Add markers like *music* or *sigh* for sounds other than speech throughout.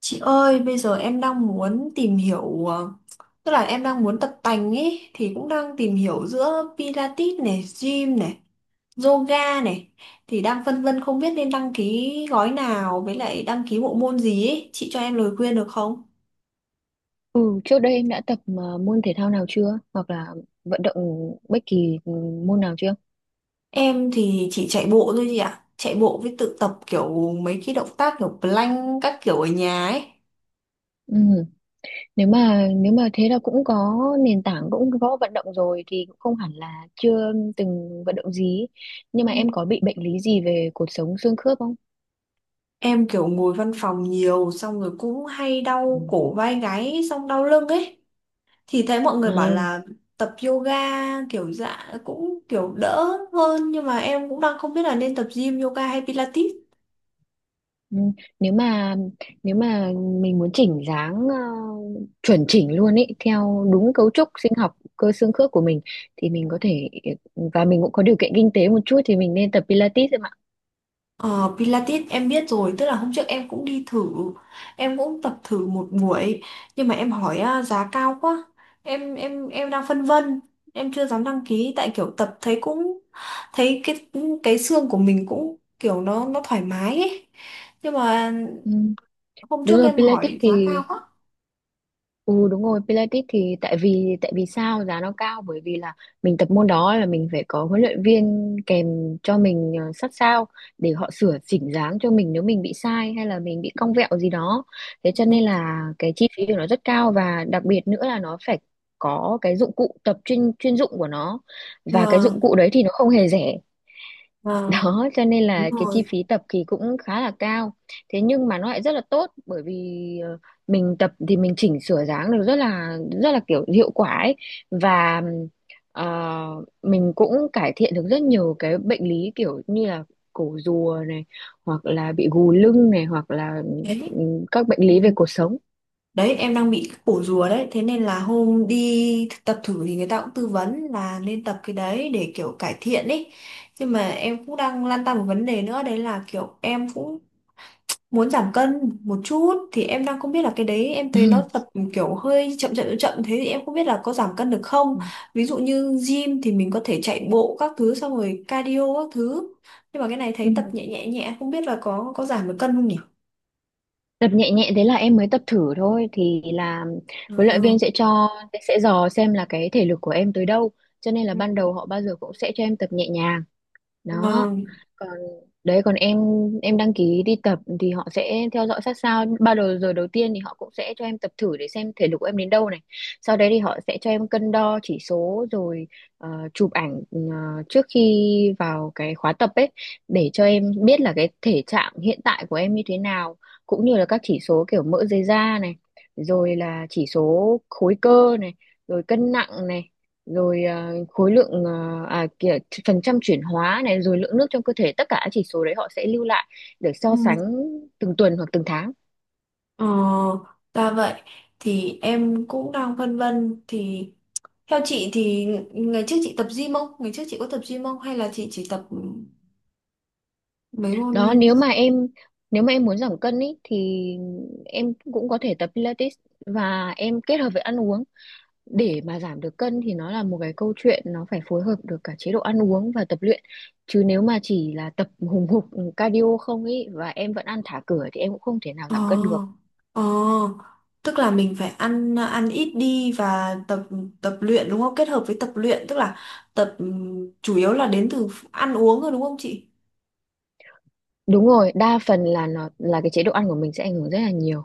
Chị ơi, bây giờ em đang muốn tìm hiểu tức là em đang muốn tập tành ấy thì cũng đang tìm hiểu giữa Pilates này, gym này, yoga này thì đang phân vân không biết nên đăng ký gói nào với lại đăng ký bộ môn gì ấy, chị cho em lời khuyên được không? Ừ, trước đây em đã tập môn thể thao nào chưa? Hoặc là vận động bất kỳ môn nào chưa? Em thì chỉ chạy bộ thôi chị ạ. Chạy bộ với tự tập kiểu mấy cái động tác kiểu plank các kiểu ở nhà ấy. Ừ. Nếu mà thế là cũng có nền tảng cũng có vận động rồi thì cũng không hẳn là chưa từng vận động gì. Nhưng mà em Ừ. có bị bệnh lý gì về cột sống xương khớp không? Em kiểu ngồi văn phòng nhiều xong rồi cũng hay Ừ. đau cổ vai gáy xong đau lưng ấy, thì thấy mọi À, người bảo là tập yoga kiểu dạ cũng kiểu đỡ hơn, nhưng mà em cũng đang không biết là nên tập gym, yoga hay Pilates. ừ. Nếu mà nếu mà mình muốn chỉnh dáng chuẩn chỉnh luôn ấy theo đúng cấu trúc sinh học cơ xương khớp của mình thì mình có thể và mình cũng có điều kiện kinh tế một chút thì mình nên tập Pilates. Ờ, Pilates em biết rồi, tức là hôm trước em cũng đi thử, em cũng tập thử một buổi, nhưng mà em hỏi à, giá cao quá. Em đang phân vân, em chưa dám đăng ký tại kiểu tập thấy cũng thấy cái xương của mình cũng kiểu nó thoải mái ấy, nhưng mà Ừ, hôm đúng trước rồi. em Pilates hỏi thì giá cao quá. ừ, đúng rồi, Pilates thì tại vì sao giá nó cao, bởi vì là mình tập môn đó là mình phải có huấn luyện viên kèm cho mình sát sao để họ sửa chỉnh dáng cho mình nếu mình bị sai hay là mình bị cong vẹo gì đó. Thế cho Ừ. nên là cái chi phí của nó rất cao, và đặc biệt nữa là nó phải có cái dụng cụ tập chuyên chuyên dụng của nó, và cái dụng Vâng, cụ đấy thì nó không hề rẻ, vâng, đó cho nên đúng là cái chi rồi. phí tập thì cũng khá là cao. Thế nhưng mà nó lại rất là tốt, bởi vì mình tập thì mình chỉnh sửa dáng được rất là kiểu hiệu quả ấy. Và ờ, mình cũng cải thiện được rất nhiều cái bệnh lý kiểu như là cổ rùa này, hoặc là bị gù lưng này, hoặc là Đấy. ừ, các bệnh Ừ. lý về cột sống. Đấy, em đang bị cái cổ rùa đấy. Thế nên là hôm đi tập thử thì người ta cũng tư vấn là nên tập cái đấy để kiểu cải thiện ý. Nhưng mà em cũng đang lăn tăn một vấn đề nữa. Đấy là kiểu em cũng muốn giảm cân một chút. Thì em đang không biết là cái đấy, em thấy nó tập *clears throat* kiểu hơi chậm chậm chậm chậm, thế thì em không biết là có giảm cân được không. Ví dụ như gym thì mình có thể chạy bộ các thứ xong rồi cardio các thứ, nhưng mà cái này Ừ. thấy tập nhẹ nhẹ nhẹ, không biết là có giảm được cân không nhỉ? Tập nhẹ nhẹ thế là em mới tập thử thôi thì là Ừ. huấn luyện viên sẽ cho, sẽ dò xem là cái thể lực của em tới đâu, cho nên là ban đầu họ bao giờ cũng sẽ cho em tập nhẹ nhàng. Đó Vâng. còn đấy còn em đăng ký đi tập thì họ sẽ theo dõi sát sao. Bao đầu giờ đầu tiên thì họ cũng sẽ cho em tập thử để xem thể lực của em đến đâu này, sau đấy thì họ sẽ cho em cân đo chỉ số rồi chụp ảnh trước khi vào cái khóa tập ấy, để cho em biết là cái thể trạng hiện tại của em như thế nào, cũng như là các chỉ số kiểu mỡ dưới da này, rồi là chỉ số khối cơ này, rồi cân nặng này, rồi à, khối lượng à, à kìa, phần trăm chuyển hóa này, rồi lượng nước trong cơ thể, tất cả các chỉ số đấy họ sẽ lưu lại để Ừ. so sánh từng tuần hoặc từng tháng. Ờ, ra vậy. Thì em cũng đang phân vân thì theo chị thì ngày trước chị tập gym không? Ngày trước chị có tập gym không? Hay là chị chỉ tập mấy môn. Đó nếu mà em muốn giảm cân ý, thì em cũng có thể tập Pilates và em kết hợp với ăn uống. Để mà giảm được cân thì nó là một cái câu chuyện, nó phải phối hợp được cả chế độ ăn uống và tập luyện, chứ nếu mà chỉ là tập hùng hục cardio không ý và em vẫn ăn thả cửa thì em cũng không thể nào ờ giảm cân được. ờ tức là mình phải ăn ăn ít đi và tập tập luyện đúng không? Kết hợp với tập luyện, tức là tập chủ yếu là đến từ ăn uống rồi đúng không chị? Đúng rồi, đa phần là nó là cái chế độ ăn của mình sẽ ảnh hưởng rất là nhiều.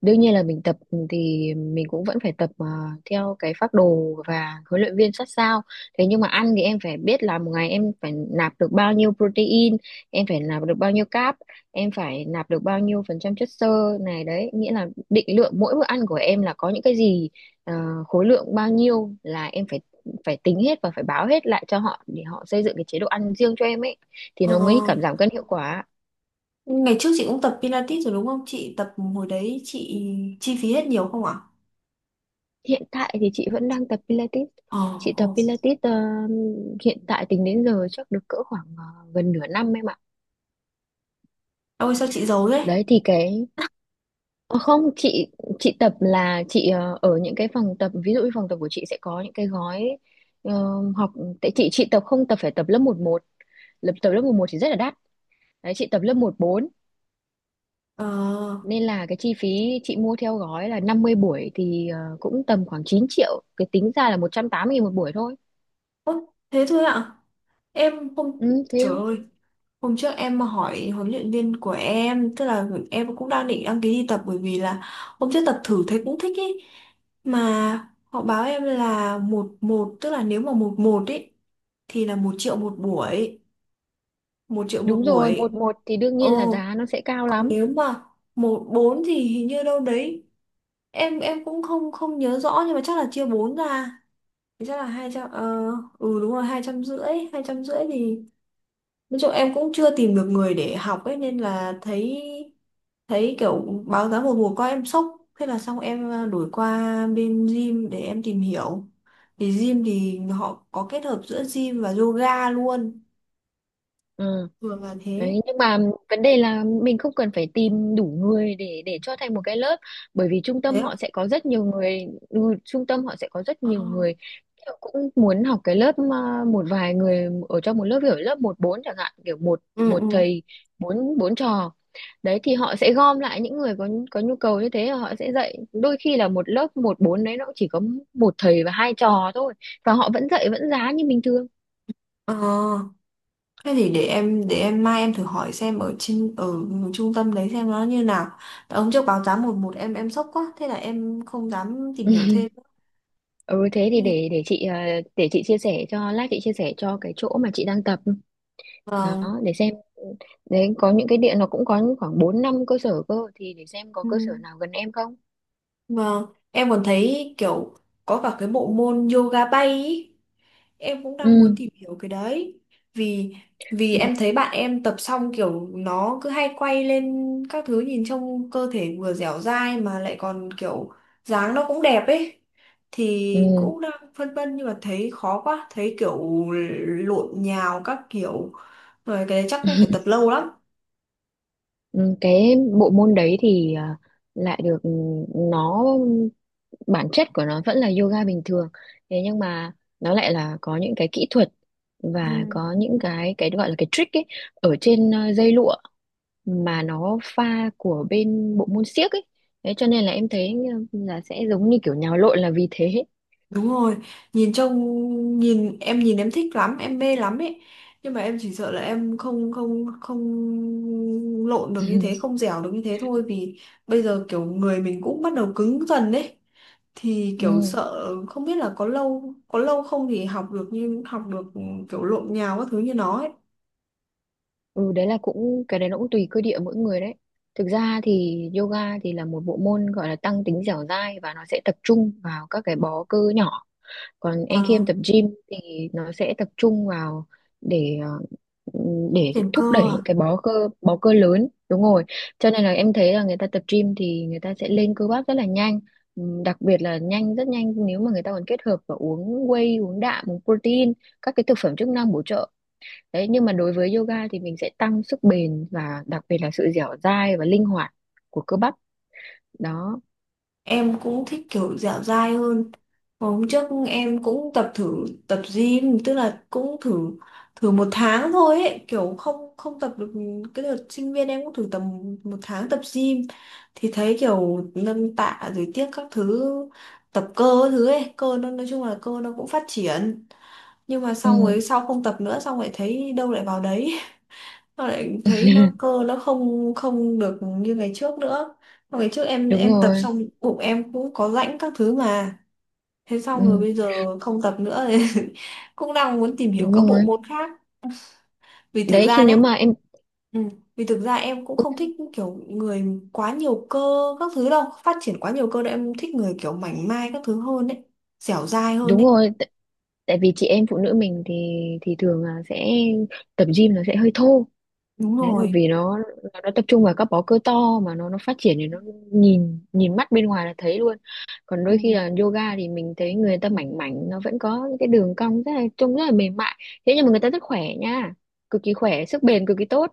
Đương nhiên là mình tập thì mình cũng vẫn phải tập theo cái phác đồ và huấn luyện viên sát sao. Thế nhưng mà ăn thì em phải biết là một ngày em phải nạp được bao nhiêu protein, em phải nạp được bao nhiêu carb, em phải nạp được bao nhiêu phần trăm chất xơ này đấy. Nghĩa là định lượng mỗi bữa ăn của em là có những cái gì, ờ, khối lượng bao nhiêu là em phải phải tính hết và phải báo hết lại cho họ để họ xây dựng cái chế độ ăn riêng cho em ấy, thì Ờ, nó mới cảm giảm cân hiệu quả. ngày trước chị cũng tập Pilates rồi đúng không? Chị tập hồi đấy chị chi phí hết nhiều không ạ? Hiện tại thì chị vẫn đang tập Pilates. Ờ, Chị tập ờ. Pilates hiện tại tính đến giờ chắc được cỡ khoảng gần nửa năm em ạ. Ôi sao chị giấu thế? Đấy thì cái ờ, không chị, chị tập là chị ở những cái phòng tập, ví dụ như phòng tập của chị sẽ có những cái gói ờ, học. Tại chị tập không, tập phải tập lớp 1-1. Lớp tập lớp 1-1 thì rất là đắt. Đấy chị tập lớp 1-4, Ờ, nên là cái chi phí chị mua theo gói là 50 buổi thì cũng tầm khoảng 9 triệu, cái tính ra là 180.000 một buổi thôi. ố, thế thôi ạ. Em không. Ừ thế Trời thôi. ơi, hôm trước em mà hỏi huấn luyện viên của em, tức là em cũng đang định đăng ký đi tập bởi vì là hôm trước tập thử thấy cũng thích ý. Mà họ báo em là một một, tức là nếu mà một một ý thì là 1 triệu một buổi, một triệu một Đúng rồi, buổi. 1-1 thì đương Ồ, nhiên là giá nó sẽ cao còn lắm. nếu mà một bốn thì hình như đâu đấy. Em cũng không không nhớ rõ nhưng mà chắc là chia bốn ra. Thì chắc là hai trăm ờ ừ đúng rồi, 250, 250 thì nói chung em cũng chưa tìm được người để học ấy nên là thấy, thấy kiểu báo giá một mùa qua em sốc, thế là xong em đổi qua bên gym để em tìm hiểu, thì gym thì họ có kết hợp giữa gym và yoga luôn, Ừ. thường là thế. Đấy, nhưng mà vấn đề là mình không cần phải tìm đủ người để cho thành một cái lớp, bởi vì trung tâm Thế á? họ sẽ có rất nhiều người. Ừ, trung tâm họ sẽ có rất Ờ. nhiều người họ cũng muốn học cái lớp à, một vài người ở trong một lớp kiểu lớp 1-4 chẳng hạn, kiểu một Ừ, một ừ. thầy bốn bốn trò. Đấy thì họ sẽ gom lại những người có nhu cầu như thế, họ sẽ dạy. Đôi khi là một lớp 1-4 đấy nó cũng chỉ có một thầy và 2 trò thôi, và họ vẫn dạy, vẫn giá như bình thường. Ờ thế thì để em mai em thử hỏi xem ở trên ở trung tâm đấy xem nó như nào. Tại hôm trước báo giá một một em sốc quá, thế là em không dám tìm hiểu thêm. Ừ thế thì Ừ. để chị chia sẻ cho, lát chị chia sẻ cho cái chỗ mà chị đang tập đó, Vâng. để xem. Đấy có những cái điện nó cũng có khoảng 4-5 cơ sở cơ, thì để xem có Ừ. cơ sở nào gần em không. Vâng, em còn thấy kiểu có cả cái bộ môn yoga bay ý. Em cũng đang muốn Ừ tìm hiểu cái đấy. Vì vì ừ em thấy bạn em tập xong kiểu nó cứ hay quay lên các thứ nhìn trông cơ thể vừa dẻo dai mà lại còn kiểu dáng nó cũng đẹp ấy. Thì ừ, cũng đang phân vân nhưng mà thấy khó quá, thấy kiểu lộn nhào các kiểu. Rồi cái đấy chắc cũng phải tập lâu lắm. ừ. Cái bộ môn đấy thì lại được ừ, nó bản chất của nó vẫn là yoga bình thường, thế nhưng mà nó lại là có những cái kỹ thuật và Ừ. có những cái gọi là cái trick ấy, ở trên dây lụa, mà nó pha của bên bộ môn xiếc ấy. Thế cho nên là em thấy là sẽ giống như kiểu nhào lộn là vì thế. Đúng rồi, nhìn trông, nhìn em, nhìn em thích lắm, em mê lắm ấy. Nhưng mà em chỉ sợ là em không không không lộn được như thế, *laughs* không dẻo được như thế thôi vì bây giờ kiểu người mình cũng bắt đầu cứng dần đấy. Thì kiểu Ừ. sợ không biết là có lâu không thì học được như học được kiểu lộn nhào các thứ như nó ấy. Ừ, đấy là cũng, cái đấy nó cũng tùy cơ địa mỗi người đấy. Thực ra thì yoga thì là một bộ môn gọi là tăng tính dẻo dai và nó sẽ tập trung vào các cái bó cơ nhỏ, còn anh khi Ờ, em tập gym thì nó sẽ tập trung vào để phát để triển thúc cơ đẩy những à? cái bó cơ, bó cơ lớn, đúng rồi. Cho nên là em thấy là người ta tập gym thì người ta sẽ lên cơ bắp rất là nhanh. Đặc biệt là nhanh, rất nhanh nếu mà người ta còn kết hợp và uống whey, uống đạm, uống protein, các cái thực phẩm chức năng bổ trợ. Đấy nhưng mà đối với yoga thì mình sẽ tăng sức bền và đặc biệt là sự dẻo dai và linh hoạt của cơ bắp đó. Em cũng thích kiểu dẻo dai hơn. Hôm trước em cũng tập thử tập gym, tức là cũng thử thử một tháng thôi ấy, kiểu không không tập được. Cái đợt sinh viên em cũng thử tầm một tháng tập gym thì thấy kiểu nâng tạ rồi tiếc các thứ, tập cơ các thứ ấy, cơ nó nói chung là cơ nó cũng phát triển, nhưng mà xong rồi Ừm, sau không tập nữa xong lại thấy đâu lại vào đấy. Tao lại thấy nó *laughs* cơ nó không không được như ngày trước nữa. Ngày trước em đúng em tập rồi. xong bụng em cũng có rãnh các thứ mà. Thế xong rồi Ừm, bây giờ không tập nữa *laughs* thì cũng đang muốn tìm hiểu đúng các bộ rồi. môn khác. Vì thực Đấy khi ra nếu nhé, mà em, ừ, vì thực ra em cũng không thích kiểu người quá nhiều cơ các thứ đâu, phát triển quá nhiều cơ đâu, em thích người kiểu mảnh mai các thứ hơn đấy, dẻo dai hơn đúng đấy. rồi tại vì chị em phụ nữ mình thì thường là sẽ tập gym nó sẽ hơi thô. Đúng Đấy là rồi. vì nó tập trung vào các bó cơ to mà nó phát triển thì nó nhìn nhìn mắt bên ngoài là thấy luôn. Còn Ừ. đôi khi là yoga thì mình thấy người ta mảnh mảnh, nó vẫn có những cái đường cong rất là, trông rất là mềm mại, thế nhưng mà người ta rất khỏe nha, cực kỳ khỏe, sức bền cực kỳ tốt.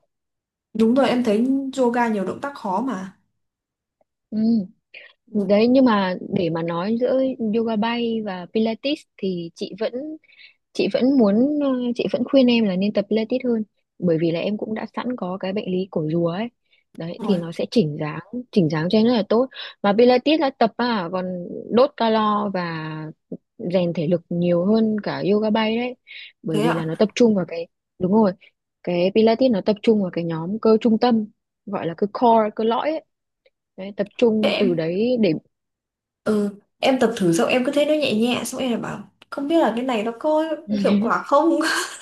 Đúng rồi, em thấy yoga nhiều động tác khó mà. Ừ. Đúng Đấy nhưng mà để mà nói giữa yoga bay và Pilates thì chị vẫn muốn chị vẫn khuyên em là nên tập Pilates hơn, bởi vì là em cũng đã sẵn có cái bệnh lý cổ rùa ấy. Đấy thì rồi, nó sẽ chỉnh dáng, chỉnh dáng cho em rất là tốt, mà Pilates là tập à, còn đốt calo và rèn thể lực nhiều hơn cả yoga bay đấy, bởi thế vì ạ. là nó tập trung vào cái, đúng rồi, cái Pilates nó tập trung vào cái nhóm cơ trung tâm, gọi là cơ core, cơ lõi ấy. Đấy, tập trung Thế, từ đấy để ừ, em tập thử xong em cứ thấy nó nhẹ nhẹ xong em lại bảo không biết là cái này nó có hiệu *laughs* quả không. *laughs*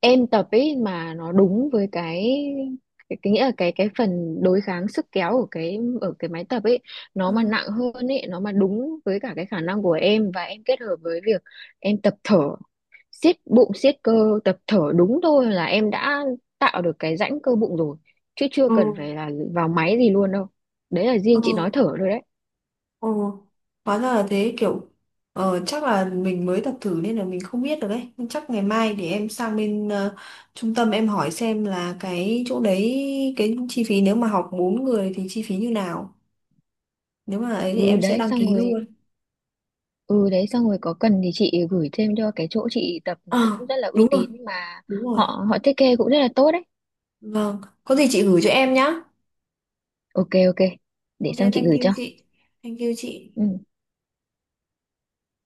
em tập ấy mà nó đúng với cái nghĩa là cái phần đối kháng sức kéo của cái ở cái máy tập ấy, nó mà Ừ. nặng hơn ấy, nó mà đúng với cả cái khả năng của em, và em kết hợp với việc em tập thở, siết bụng siết cơ, tập thở đúng thôi là em đã tạo được cái rãnh cơ bụng rồi, chứ chưa Ừ. cần phải là vào máy gì luôn đâu. Đấy là riêng chị nói Ừ, thở thôi đấy. ừ, hóa ra là thế kiểu. Ờ, chắc là mình mới tập thử nên là mình không biết được đấy, nhưng chắc ngày mai để em sang bên trung tâm em hỏi xem là cái chỗ đấy, cái chi phí nếu mà học 4 người thì chi phí như nào, nếu mà ấy thì Ừ em sẽ đấy đăng xong ký rồi. luôn. Ừ đấy xong rồi, có cần thì chị gửi thêm cho cái chỗ chị tập, Ờ cũng rất là uy đúng rồi, tín mà, đúng rồi. họ họ thiết kế cũng rất là tốt đấy. Vâng, có gì chị gửi cho em nhá. Ok ok. Để Ok, xong chị thank gửi you cho. chị, thank you chị. Ừ.